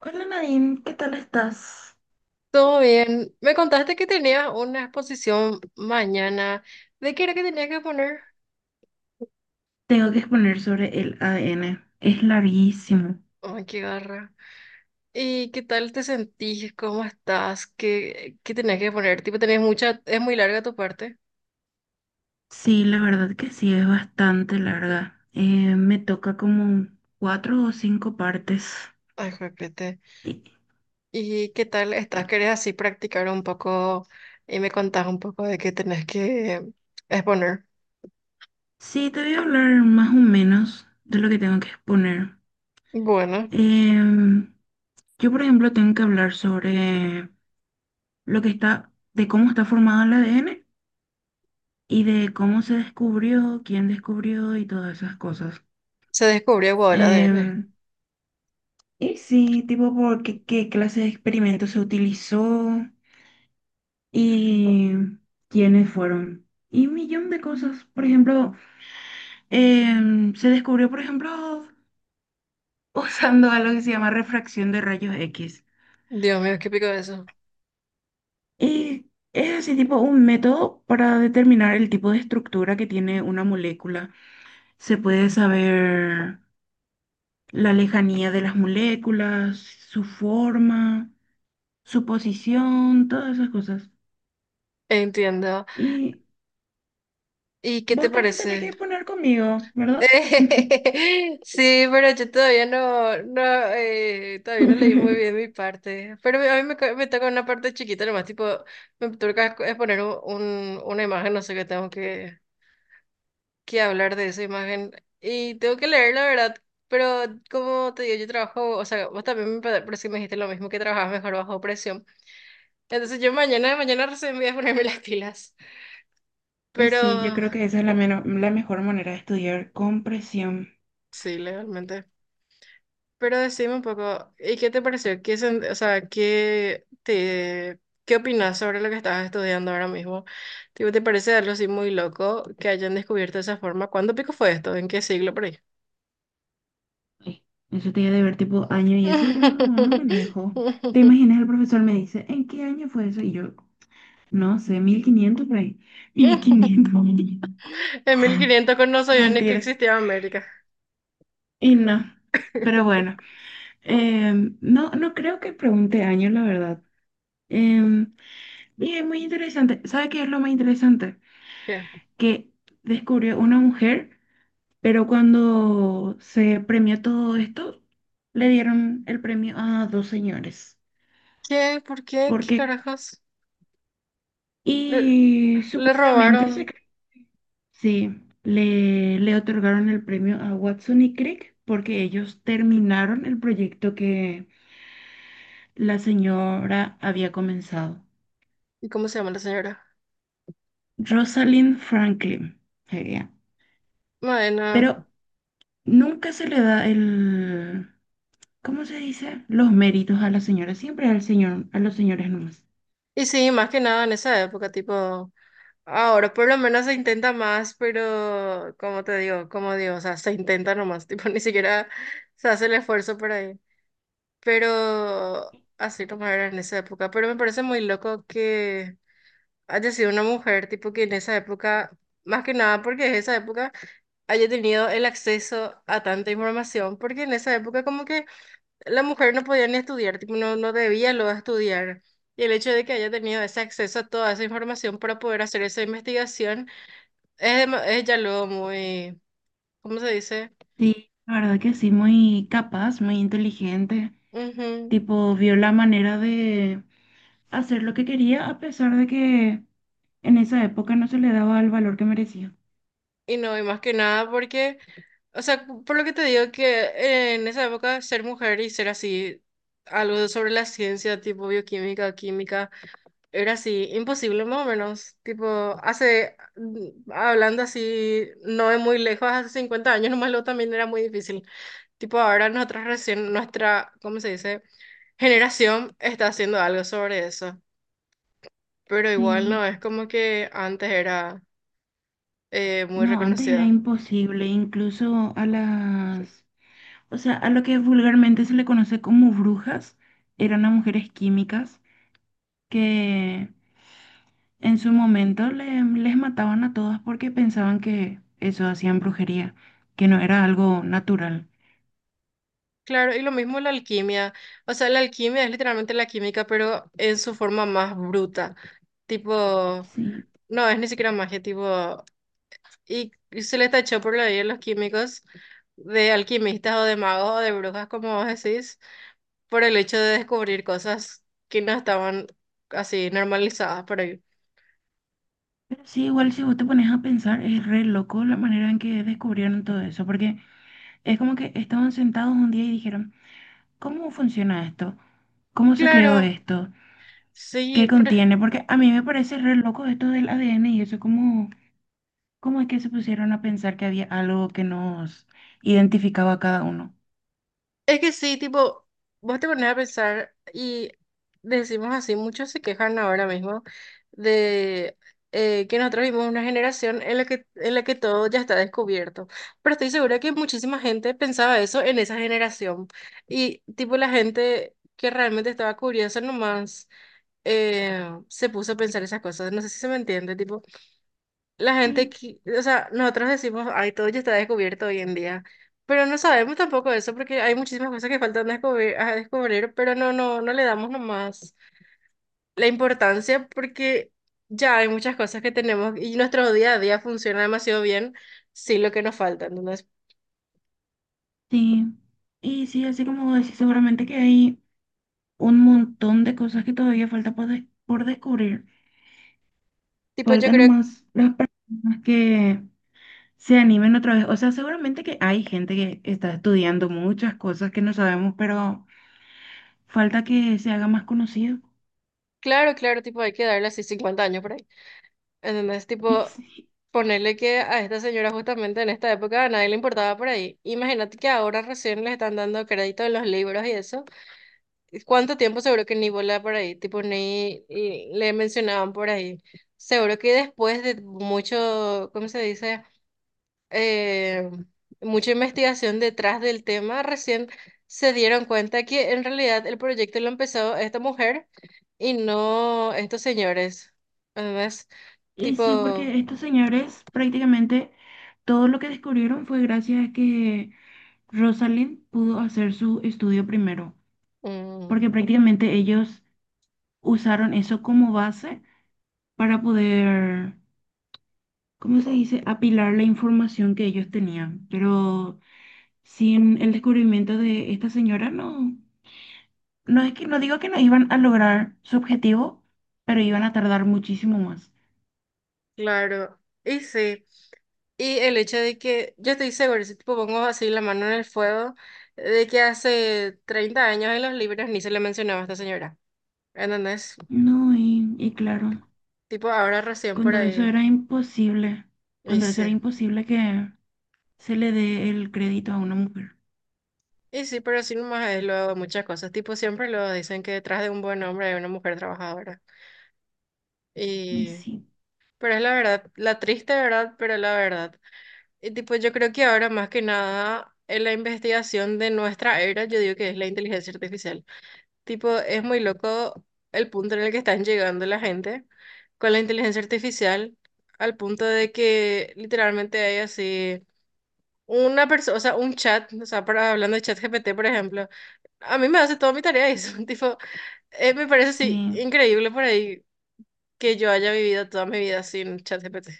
Hola Nadine, ¿qué tal estás? Todo bien. Me contaste que tenías una exposición mañana. ¿De qué era que tenías que poner? Tengo que exponer sobre el ADN. Es larguísimo. Ay, qué garra. ¿Y qué tal te sentís? ¿Cómo estás? ¿Qué tenías que poner? Tipo, tenés mucha, es muy larga tu parte. Sí, la verdad que sí, es bastante larga. Me toca como cuatro o cinco partes. Ay, repete. Y, ¿Y qué tal estás? y- ¿Querés así practicar un poco y me contás un poco de qué tenés que exponer? sí, te voy a hablar más o menos de lo que tengo que exponer. Bueno, Em, yo, por ejemplo, tengo que hablar sobre lo que está, de cómo está formado el ADN y de cómo se descubrió, quién descubrió y todas esas cosas. se descubrió igual el ADN. Em, Y sí, tipo, porque qué clase de experimento se utilizó y quiénes fueron. Y un millón de cosas. Por ejemplo, se descubrió, por ejemplo, usando algo que se llama refracción de rayos X. Dios mío, qué pico eso. Y es así, tipo, un método para determinar el tipo de estructura que tiene una molécula. Se puede saber la lejanía de las moléculas, su forma, su posición, todas esas cosas. Entiendo. Y ¿Y qué te vos también tenés parece? que poner conmigo, ¿verdad? Sí, pero yo todavía no, todavía no leí muy bien mi parte. Pero a mí me, co- me toca una parte chiquita nomás, tipo, me toca es poner un- una imagen, no sé qué tengo que hablar de esa imagen. Y tengo que leer, la verdad. Pero como te digo, yo trabajo, o sea, vos también me, pa- pero sí me dijiste lo mismo, que trabajabas mejor bajo presión. Entonces yo mañana, mañana recién voy a ponerme las pilas. Y Pero sí, yo creo que esa es la, meno- la mejor manera de estudiar con presión. sí, legalmente. Pero decime un poco, ¿y qué te pareció? ¿Qué, sen- o sea, qué te, qué opinas sobre lo que estás estudiando ahora mismo? Tipo, ¿te parece algo así muy loco que hayan descubierto esa forma? ¿Cuándo pico fue esto? ¿En qué siglo por ahí? Ay, eso te iba a deber tipo año y eso yo no, no manejo. ¿Te imaginas? El profesor me dice, ¿en qué año fue eso? Y yo, no sé, 1500 por ahí. 1500, En 1500 con no sabía ni que mentira. existía América. Y no. Pero bueno, no, no creo que pregunte años, la verdad. Em, y es muy interesante. ¿Sabe qué es lo más interesante? ¿Qué? Que descubrió una mujer, pero cuando se premió todo esto, le dieron el premio a dos señores. ¿Qué? ¿Por qué? ¿Qué Porque, carajos? Le, y le supuestamente se, robaron. cre- sí, le otorgaron el premio a Watson y Crick porque ellos terminaron el proyecto que la señora había comenzado. ¿Y cómo se llama la señora? Rosalind Franklin sería. Bueno, Pero nunca se le da el ¿cómo se dice? Los méritos a la señora, siempre al señor, a los señores nomás. y sí, más que nada en esa época, tipo. Ahora por lo menos se intenta más, pero como te digo, como digo, o sea, se intenta nomás, tipo, ni siquiera se hace el esfuerzo por ahí. Pero así como era en esa época. Pero me parece muy loco que haya sido una mujer, tipo, que en esa época, más que nada porque en esa época haya tenido el acceso a tanta información, porque en esa época como que la mujer no podía ni estudiar, tipo, no debía luego estudiar. Y el hecho de que haya tenido ese acceso a toda esa información para poder hacer esa investigación es, dema- es ya luego muy, ¿cómo se dice? Sí, la verdad que sí, muy capaz, muy inteligente. Ujú. Tipo, vio la manera de hacer lo que quería a pesar de que en esa época no se le daba el valor que merecía. Y no, y más que nada porque, o sea, por lo que te digo que en esa época ser mujer y ser así, algo sobre la ciencia, tipo bioquímica, o química, era así, imposible más o menos. Tipo, hace, hablando así, no es muy lejos, hace 50 años nomás lo también era muy difícil. Tipo, ahora nosotros recién, nuestra, ¿cómo se dice? Generación está haciendo algo sobre eso. Pero igual Sí, no, es como que antes era muy no, antes era reconocida. imposible, incluso a las, o sea, a lo que vulgarmente se le conoce como brujas, eran a mujeres químicas que en su momento le- les mataban a todas porque pensaban que eso hacían brujería, que no era algo natural. Claro, y lo mismo la alquimia. O sea, la alquimia es literalmente la química, pero en su forma más bruta. Tipo, Sí, no, es ni siquiera magia, tipo, y se le tachó por la vida a los químicos de alquimistas o de magos o de brujas, como vos decís, por el hecho de descubrir cosas que no estaban así normalizadas por ahí. pero sí, igual si vos te pones a pensar, es re loco la manera en que descubrieron todo eso, porque es como que estaban sentados un día y dijeron, ¿cómo funciona esto? ¿Cómo se creó Claro, esto? ¿Qué sí, pero contiene? Porque a mí me parece re loco esto del ADN y eso, ¿cómo, cómo es que se pusieron a pensar que había algo que nos identificaba a cada uno? es que sí, tipo, vos te pones a pensar y decimos así, muchos se quejan ahora mismo de que nosotros vivimos una generación en la que todo ya está descubierto. Pero estoy segura que muchísima gente pensaba eso en esa generación. Y tipo la gente que realmente estaba curiosa nomás se puso a pensar esas cosas. No sé si se me entiende, tipo. La gente, Sí, qui- o sea, nosotros decimos, ay, todo ya está descubierto hoy en día, pero no sabemos tampoco eso porque hay muchísimas cosas que faltan descubrir, a descubrir, pero no le damos nomás la importancia porque ya hay muchas cosas que tenemos y nuestro día a día funciona demasiado bien sin lo que nos falta, ¿entendés? sí, y sí, así como vos decís, seguramente que hay un montón de cosas que todavía falta por, des- por descubrir. Tipo, yo Faltan creo, nomás las personas que se animen otra vez. O sea, seguramente que hay gente que está estudiando muchas cosas que no sabemos, pero falta que se haga más conocido. claro, claro, tipo, hay que darle así 50 años por ahí, ¿entendés? Y Tipo, sí, ponerle que a esta señora justamente en esta época a nadie le importaba por ahí. Imagínate que ahora recién le están dando crédito en los libros y eso. ¿Cuánto tiempo seguro que ni volaba por ahí? Tipo, ni y le mencionaban por ahí. Seguro que después de mucho, ¿cómo se dice? Eh, Mucha investigación detrás del tema, recién se dieron cuenta que en realidad el proyecto lo empezó esta mujer y no estos señores. Además, y sí, tipo, porque estos señores prácticamente todo lo que descubrieron fue gracias a que... Rosalind pudo hacer su estudio primero, mm, porque prácticamente ellos usaron eso como base para poder, ¿cómo se dice?, apilar la información que ellos tenían. Pero sin el descubrimiento de esta señora, no, no es que no digo que no iban a lograr su objetivo, pero iban a tardar muchísimo más. claro. Y sí. Y el hecho de que, yo estoy segura, si tipo pongo así la mano en el fuego, de que hace 30 años en los libros ni se le mencionaba a esta señora. ¿Entendés? No, y claro, Tipo ahora recién por cuando eso ahí. era imposible, Y cuando eso era sí. imposible que se le dé el crédito a una mujer. Y sí, pero así nomás es luego de muchas cosas. Tipo siempre lo dicen que detrás de un buen hombre hay una mujer trabajadora. Y Y... sí, pero es la verdad, la triste verdad, pero la verdad. Y tipo yo creo que ahora más que nada en la investigación de nuestra era, yo digo que es la inteligencia artificial. Tipo, es muy loco el punto en el que están llegando la gente con la inteligencia artificial, al punto de que literalmente hay así una persona, o sea, un chat, o sea, para, hablando de chat GPT, por ejemplo, a mí me hace toda mi tarea eso, tipo, me parece así sí. increíble por ahí que yo haya vivido toda mi vida sin chat GPT.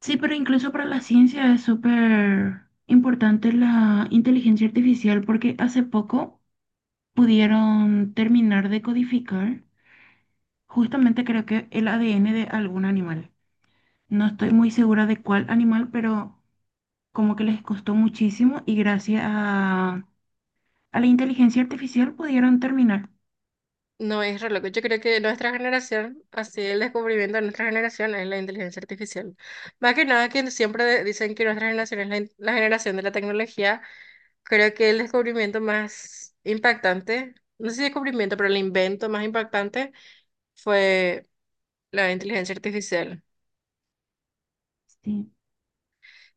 Sí, pero incluso para la ciencia es súper importante la inteligencia artificial porque hace poco pudieron terminar de codificar justamente creo que el ADN de algún animal. No estoy muy segura de cuál animal, pero como que les costó muchísimo y gracias a la inteligencia artificial pudieron terminar. No, es re loco, yo creo que nuestra generación, así el descubrimiento de nuestra generación es la inteligencia artificial. Más que nada que siempre de- dicen que nuestra generación es la, in- la generación de la tecnología. Creo que el descubrimiento más impactante, no sé si descubrimiento, pero el invento más impactante fue la inteligencia artificial. Sí,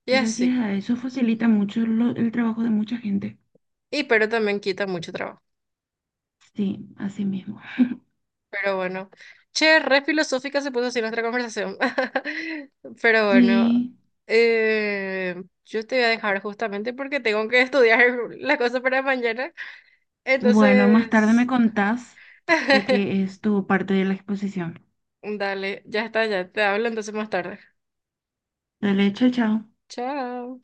Y así. gracias a eso facilita mucho lo- el trabajo de mucha gente. Y pero también quita mucho trabajo. Sí, así mismo. Pero bueno. Che, re filosófica se puso así nuestra conversación. Pero bueno. Sí. Yo te voy a dejar justamente porque tengo que estudiar la cosa para mañana. Bueno, más tarde me Entonces, contás de qué es tu parte de la exposición. dale, ya está, ya te hablo entonces más tarde. Dale, chao, chao. Chao.